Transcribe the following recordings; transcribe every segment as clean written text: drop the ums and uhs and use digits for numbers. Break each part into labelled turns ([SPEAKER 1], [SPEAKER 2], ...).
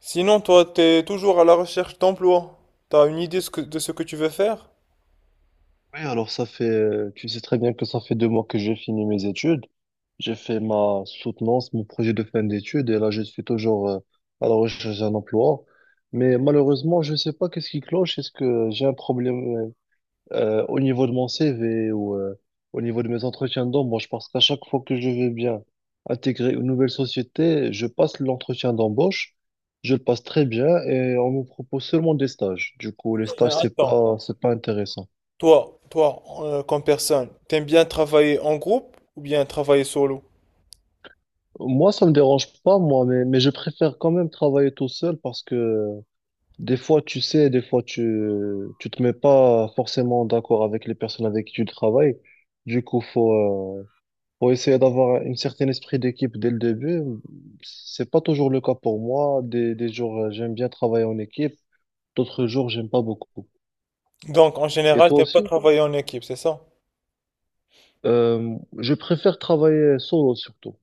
[SPEAKER 1] Sinon, toi, t'es toujours à la recherche d'emploi. T'as une idée de ce que tu veux faire?
[SPEAKER 2] Oui, alors ça fait, tu sais très bien que ça fait 2 mois que j'ai fini mes études. J'ai fait ma soutenance, mon projet de fin d'études, et là je suis toujours à la recherche d'un emploi. Mais malheureusement, je sais pas qu'est-ce qui cloche. Est-ce que j'ai un problème au niveau de mon CV ou au niveau de mes entretiens d'embauche? Parce qu'à chaque fois que je veux bien intégrer une nouvelle société, je passe l'entretien d'embauche, je le passe très bien et on me propose seulement des stages. Du coup, les
[SPEAKER 1] Mais
[SPEAKER 2] stages, c'est
[SPEAKER 1] attends,
[SPEAKER 2] pas, c'est pas intéressant.
[SPEAKER 1] toi, comme personne, t'aimes bien travailler en groupe ou bien travailler solo?
[SPEAKER 2] Moi, ça me dérange pas, moi, mais je préfère quand même travailler tout seul parce que des fois, tu sais, des fois, tu te mets pas forcément d'accord avec les personnes avec qui tu travailles. Du coup, faut, euh, faut essayer d'avoir un certain esprit d'équipe dès le début. C'est pas toujours le cas pour moi. Des jours, j'aime bien travailler en équipe. D'autres jours, j'aime pas beaucoup.
[SPEAKER 1] Donc, en
[SPEAKER 2] Et
[SPEAKER 1] général,
[SPEAKER 2] toi
[SPEAKER 1] t'aimes pas
[SPEAKER 2] aussi?
[SPEAKER 1] travailler en équipe, c'est ça?
[SPEAKER 2] Je préfère travailler solo surtout.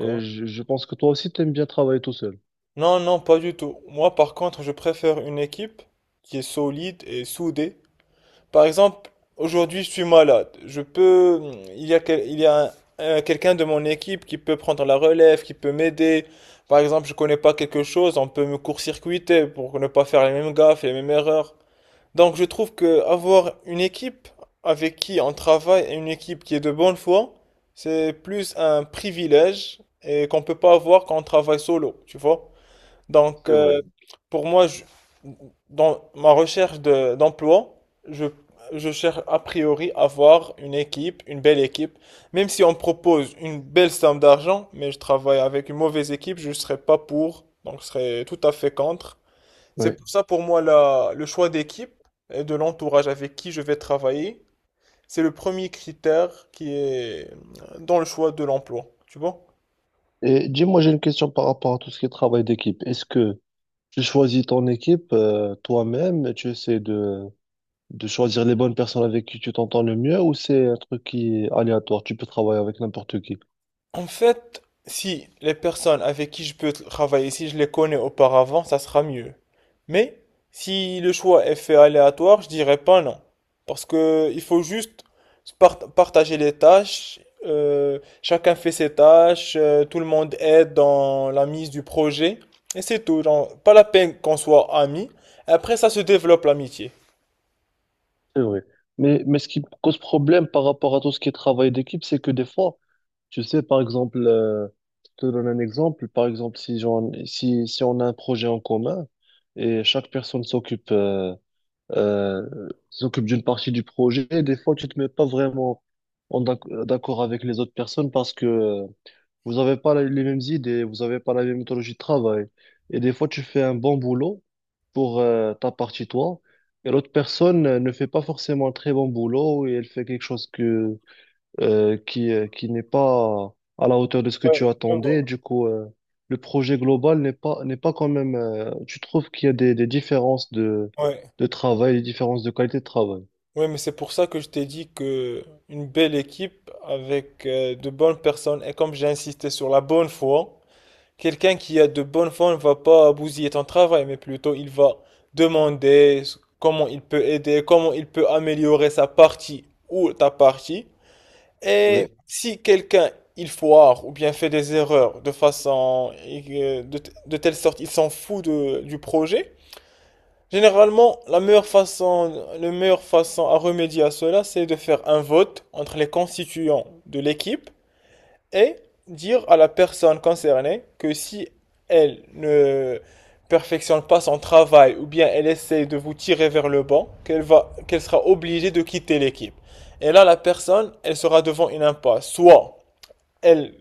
[SPEAKER 2] Et je pense que toi aussi, t'aimes bien travailler tout seul.
[SPEAKER 1] Non, non, pas du tout. Moi, par contre, je préfère une équipe qui est solide et soudée. Par exemple, aujourd'hui je suis malade. Je peux, il y a, quel- il y a un- Quelqu'un de mon équipe qui peut prendre la relève, qui peut m'aider. Par exemple, je connais pas quelque chose, on peut me court-circuiter pour ne pas faire les mêmes gaffes, les mêmes erreurs. Donc je trouve que avoir une équipe avec qui on travaille et une équipe qui est de bonne foi, c'est plus un privilège et qu'on peut pas avoir quand on travaille solo, tu vois? Donc,
[SPEAKER 2] C'est
[SPEAKER 1] euh,
[SPEAKER 2] vrai.
[SPEAKER 1] pour moi, dans ma recherche d'emploi, je, je cherche a priori à avoir une équipe, une belle équipe. Même si on me propose une belle somme d'argent, mais je travaille avec une mauvaise équipe, je ne serai pas pour, donc je serai tout à fait contre. C'est
[SPEAKER 2] Oui.
[SPEAKER 1] pour ça, pour moi, le choix d'équipe et de l'entourage avec qui je vais travailler, c'est le premier critère qui est dans le choix de l'emploi. Tu vois?
[SPEAKER 2] Et dis-moi, j'ai une question par rapport à tout ce qui est travail d'équipe. Est-ce que tu choisis ton équipe toi-même et tu essaies de choisir les bonnes personnes avec qui tu t'entends le mieux ou c'est un truc qui est aléatoire? Tu peux travailler avec n'importe qui.
[SPEAKER 1] En fait, si les personnes avec qui je peux travailler, si je les connais auparavant, ça sera mieux. Mais si le choix est fait aléatoire, je dirais pas non. Parce que il faut juste partager les tâches, chacun fait ses tâches, tout le monde aide dans la mise du projet, et c'est tout. Genre, pas la peine qu'on soit amis. Après, ça se développe l'amitié.
[SPEAKER 2] C'est vrai. Mais ce qui me cause problème par rapport à tout ce qui est travail d'équipe, c'est que des fois, tu sais, par exemple, je te donne un exemple, par exemple, si on a un projet en commun et chaque personne s'occupe euh, s'occupe d'une partie du projet, des fois, tu te mets pas vraiment en d'ac- d'accord avec les autres personnes parce que vous avez pas la- les mêmes idées, vous avez pas la même méthodologie de travail. Et des fois, tu fais un bon boulot pour ta partie, toi, et l'autre personne ne fait pas forcément un très bon boulot et elle fait quelque chose que, qui n'est pas à la hauteur de ce que
[SPEAKER 1] Ouais,
[SPEAKER 2] tu
[SPEAKER 1] je
[SPEAKER 2] attendais.
[SPEAKER 1] vois.
[SPEAKER 2] Du coup, le projet global n'est pas quand même tu trouves qu'il y a des différences
[SPEAKER 1] Ouais.
[SPEAKER 2] de travail, des différences de qualité de travail.
[SPEAKER 1] Oui, mais c'est pour ça que je t'ai dit que une belle équipe avec de bonnes personnes, et comme j'ai insisté sur la bonne foi, quelqu'un qui a de bonne foi ne va pas bousiller ton travail, mais plutôt il va demander comment il peut aider, comment il peut améliorer sa partie ou ta partie. Et
[SPEAKER 2] Oui,
[SPEAKER 1] si quelqu'un il foire ou bien fait des erreurs de façon de telle sorte il s'en fout du projet. Généralement, la meilleure façon à remédier à cela, c'est de faire un vote entre les constituants de l'équipe et dire à la personne concernée que si elle ne perfectionne pas son travail ou bien elle essaie de vous tirer vers le bas, qu'elle sera obligée de quitter l'équipe. Et là, la personne, elle sera devant une impasse. Soit elle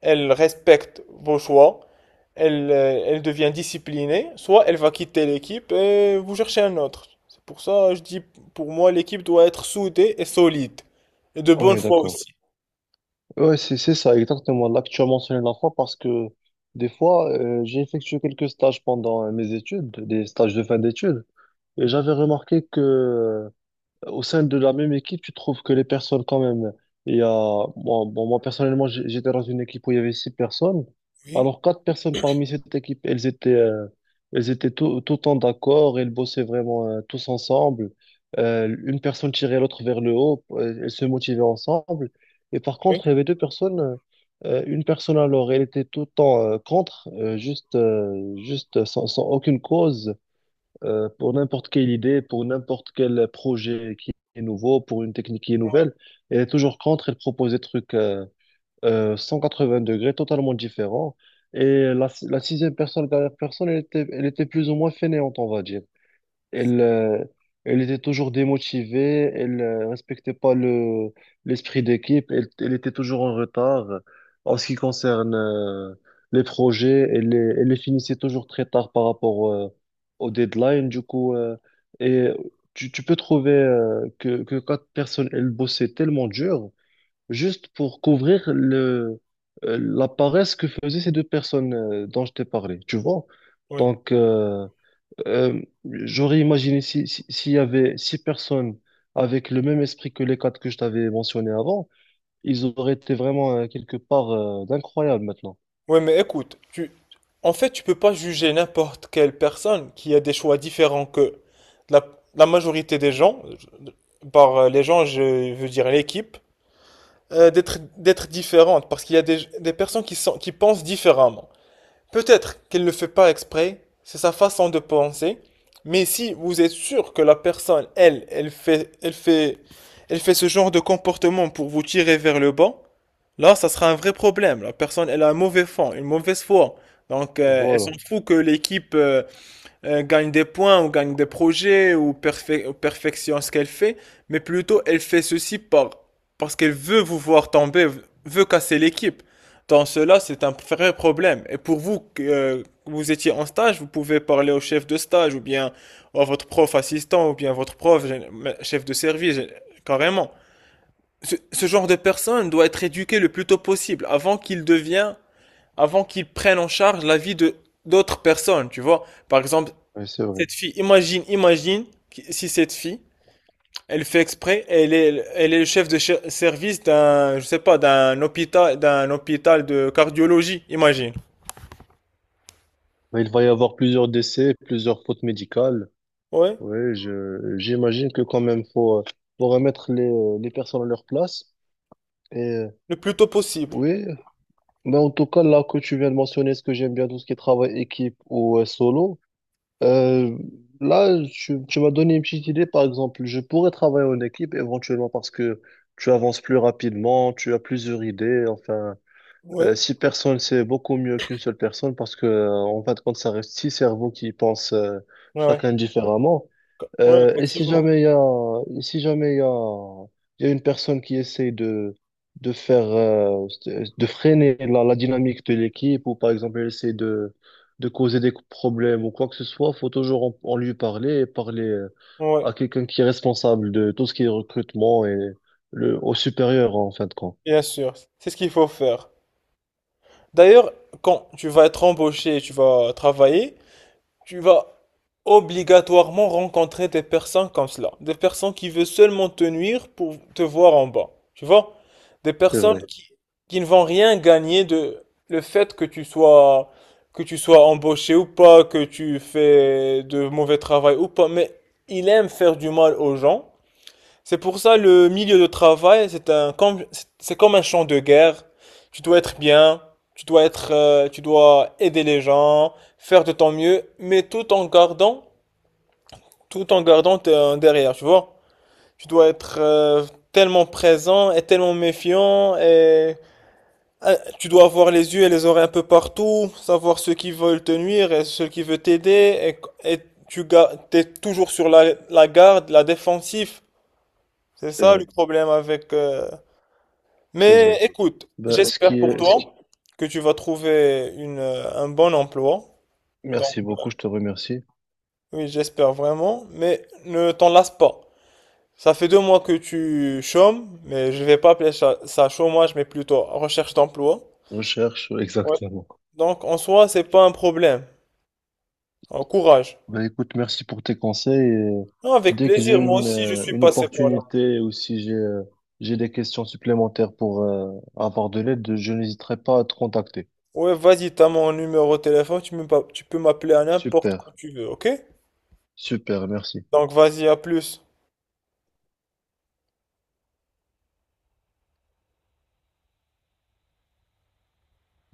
[SPEAKER 1] elle respecte vos choix, elle devient disciplinée, soit elle va quitter l'équipe et vous cherchez un autre. C'est pour ça, je dis, pour moi, l'équipe doit être soudée et solide, et de
[SPEAKER 2] on
[SPEAKER 1] bonne
[SPEAKER 2] est
[SPEAKER 1] foi
[SPEAKER 2] d'accord.
[SPEAKER 1] aussi.
[SPEAKER 2] Ouais, c'est ça, exactement. Là que tu as mentionné la fois parce que des fois, j'ai effectué quelques stages pendant mes études, des stages de fin d'études. Et j'avais remarqué que au sein de la même équipe, tu trouves que les personnes, quand même, il y a, moi, bon, moi, personnellement, j'étais dans une équipe où il y avait 6 personnes.
[SPEAKER 1] Oui,
[SPEAKER 2] Alors, 4 personnes parmi cette équipe, elles étaient tout le temps d'accord, elles bossaient vraiment, tous ensemble. Une personne tirait l'autre vers le haut, elles se motivaient ensemble. Et par
[SPEAKER 1] oui,
[SPEAKER 2] contre, il y avait 2 personnes, une personne alors, elle était tout le temps, contre, juste, juste sans, sans aucune cause pour n'importe quelle idée, pour n'importe quel projet qui est nouveau, pour une technique qui est nouvelle. Elle est toujours contre, elle propose des trucs 180 degrés, totalement différents. Et la sixième personne, la dernière personne, elle était plus ou moins fainéante, on va dire. Elle, elle était toujours démotivée, elle ne respectait pas le, l'esprit d'équipe, elle était toujours en retard en ce qui concerne les projets, elle les finissait toujours très tard par rapport au deadline. Du coup, et tu peux trouver que 4 personnes, elles bossaient tellement dur juste pour couvrir le, la paresse que faisaient ces 2 personnes dont je t'ai parlé, tu vois?
[SPEAKER 1] oui.
[SPEAKER 2] Donc, j'aurais imaginé si, s'il y avait 6 personnes avec le même esprit que les quatre que je t'avais mentionné avant, ils auraient été vraiment quelque part d'incroyable maintenant.
[SPEAKER 1] Oui, mais écoute, tu... En fait, tu peux pas juger n'importe quelle personne qui a des choix différents que la, la majorité des gens, par les gens, je veux dire l'équipe, d'être différente, parce qu'il y a des personnes qui sont, qui pensent différemment. Peut-être qu'elle ne le fait pas exprès, c'est sa façon de penser, mais si vous êtes sûr que la personne, elle fait ce genre de comportement pour vous tirer vers le bas. Là, ça sera un vrai problème. La personne, elle a un mauvais fond, une mauvaise foi. Elle
[SPEAKER 2] Voilà,
[SPEAKER 1] s'en fout que l'équipe gagne des points ou gagne des projets ou, perfectionne ce qu'elle fait, mais plutôt elle fait ceci parce qu'elle veut vous voir tomber, veut casser l'équipe. Dans cela, c'est un vrai problème. Et pour vous, que vous étiez en stage, vous pouvez parler au chef de stage ou bien à votre prof assistant ou bien votre prof, chef de service, carrément ce, ce genre de personne doit être éduqué le plus tôt possible avant qu'il devienne, avant qu'il prenne en charge la vie de d'autres personnes, tu vois. Par exemple,
[SPEAKER 2] ouais, c'est vrai.
[SPEAKER 1] cette fille, imagine, si cette fille, elle fait exprès, elle est le chef de service d'un, je sais pas, d'un hôpital de cardiologie, imagine.
[SPEAKER 2] Mais il va y avoir plusieurs décès, plusieurs fautes médicales.
[SPEAKER 1] Ouais,
[SPEAKER 2] Oui, j'imagine que quand même faut, faut remettre les personnes à leur place. Et
[SPEAKER 1] le plus tôt possible.
[SPEAKER 2] oui, mais en tout cas, là que tu viens de mentionner, ce que j'aime bien, tout ce qui est travail équipe ou solo. Euh, Là, tu m'as donné une petite idée, par exemple, je pourrais travailler en équipe éventuellement parce que tu avances plus rapidement, tu as plusieurs idées, enfin.
[SPEAKER 1] Ouais,
[SPEAKER 2] 6 personnes, c'est beaucoup mieux qu'une seule personne parce que, en fin de compte, ça reste 6 cerveaux qui pensent
[SPEAKER 1] ouais, ouais.
[SPEAKER 2] chacun différemment.
[SPEAKER 1] Ouais,
[SPEAKER 2] Et si
[SPEAKER 1] effectivement.
[SPEAKER 2] jamais il y a, et si jamais il y a, il y a une personne qui essaie de faire, de freiner la dynamique de l'équipe ou par exemple, elle essaie de causer des problèmes ou quoi que ce soit, faut toujours en, en lui parler et parler
[SPEAKER 1] Ouais,
[SPEAKER 2] à quelqu'un qui est responsable de tout ce qui est recrutement et le, au supérieur en fin de compte.
[SPEAKER 1] bien sûr. C'est ce qu'il faut faire. D'ailleurs, quand tu vas être embauché, tu vas travailler, tu vas obligatoirement rencontrer des personnes comme cela. Des personnes qui veulent seulement te nuire pour te voir en bas. Tu vois? Des
[SPEAKER 2] C'est
[SPEAKER 1] personnes
[SPEAKER 2] vrai,
[SPEAKER 1] qui ne vont rien gagner de le fait que tu sois embauché ou pas, que tu fais de mauvais travail ou pas, mais il aime faire du mal aux gens. C'est pour ça le milieu de travail, c'est comme un champ de guerre. Tu dois être bien, tu dois aider les gens, faire de ton mieux, mais tout en gardant derrière, tu vois. Tu dois être tellement présent et tellement méfiant et tu dois avoir les yeux et les oreilles un peu partout, savoir ceux qui veulent te nuire et ceux qui veulent t'aider et tu es toujours sur la garde, la défensive. C'est
[SPEAKER 2] c'est
[SPEAKER 1] ça le
[SPEAKER 2] vrai,
[SPEAKER 1] problème avec
[SPEAKER 2] c'est
[SPEAKER 1] mais
[SPEAKER 2] vrai.
[SPEAKER 1] écoute,
[SPEAKER 2] Ben, ce
[SPEAKER 1] j'espère
[SPEAKER 2] qui
[SPEAKER 1] pour
[SPEAKER 2] est, ce qui-
[SPEAKER 1] toi que tu vas trouver un bon emploi. Donc,
[SPEAKER 2] Merci
[SPEAKER 1] euh,
[SPEAKER 2] beaucoup, je te remercie.
[SPEAKER 1] oui, j'espère vraiment. Mais ne t'en lasse pas. Ça fait 2 mois que tu chômes, mais je vais pas appeler ça, ça chômage, mais plutôt recherche d'emploi.
[SPEAKER 2] Recherche,
[SPEAKER 1] Ouais.
[SPEAKER 2] exactement.
[SPEAKER 1] Donc, en soi, c'est pas un problème. Alors, courage.
[SPEAKER 2] Ben, écoute, merci pour tes conseils. Et
[SPEAKER 1] Non, avec
[SPEAKER 2] dès que j'ai
[SPEAKER 1] plaisir. Moi aussi, je suis
[SPEAKER 2] une
[SPEAKER 1] passé par là.
[SPEAKER 2] opportunité ou si j'ai j'ai des questions supplémentaires pour avoir de l'aide, je n'hésiterai pas à te contacter.
[SPEAKER 1] Ouais, vas-y, t'as mon numéro de téléphone. Tu peux m'appeler à n'importe quand
[SPEAKER 2] Super,
[SPEAKER 1] tu veux, ok?
[SPEAKER 2] super, merci.
[SPEAKER 1] Donc, vas-y, à plus.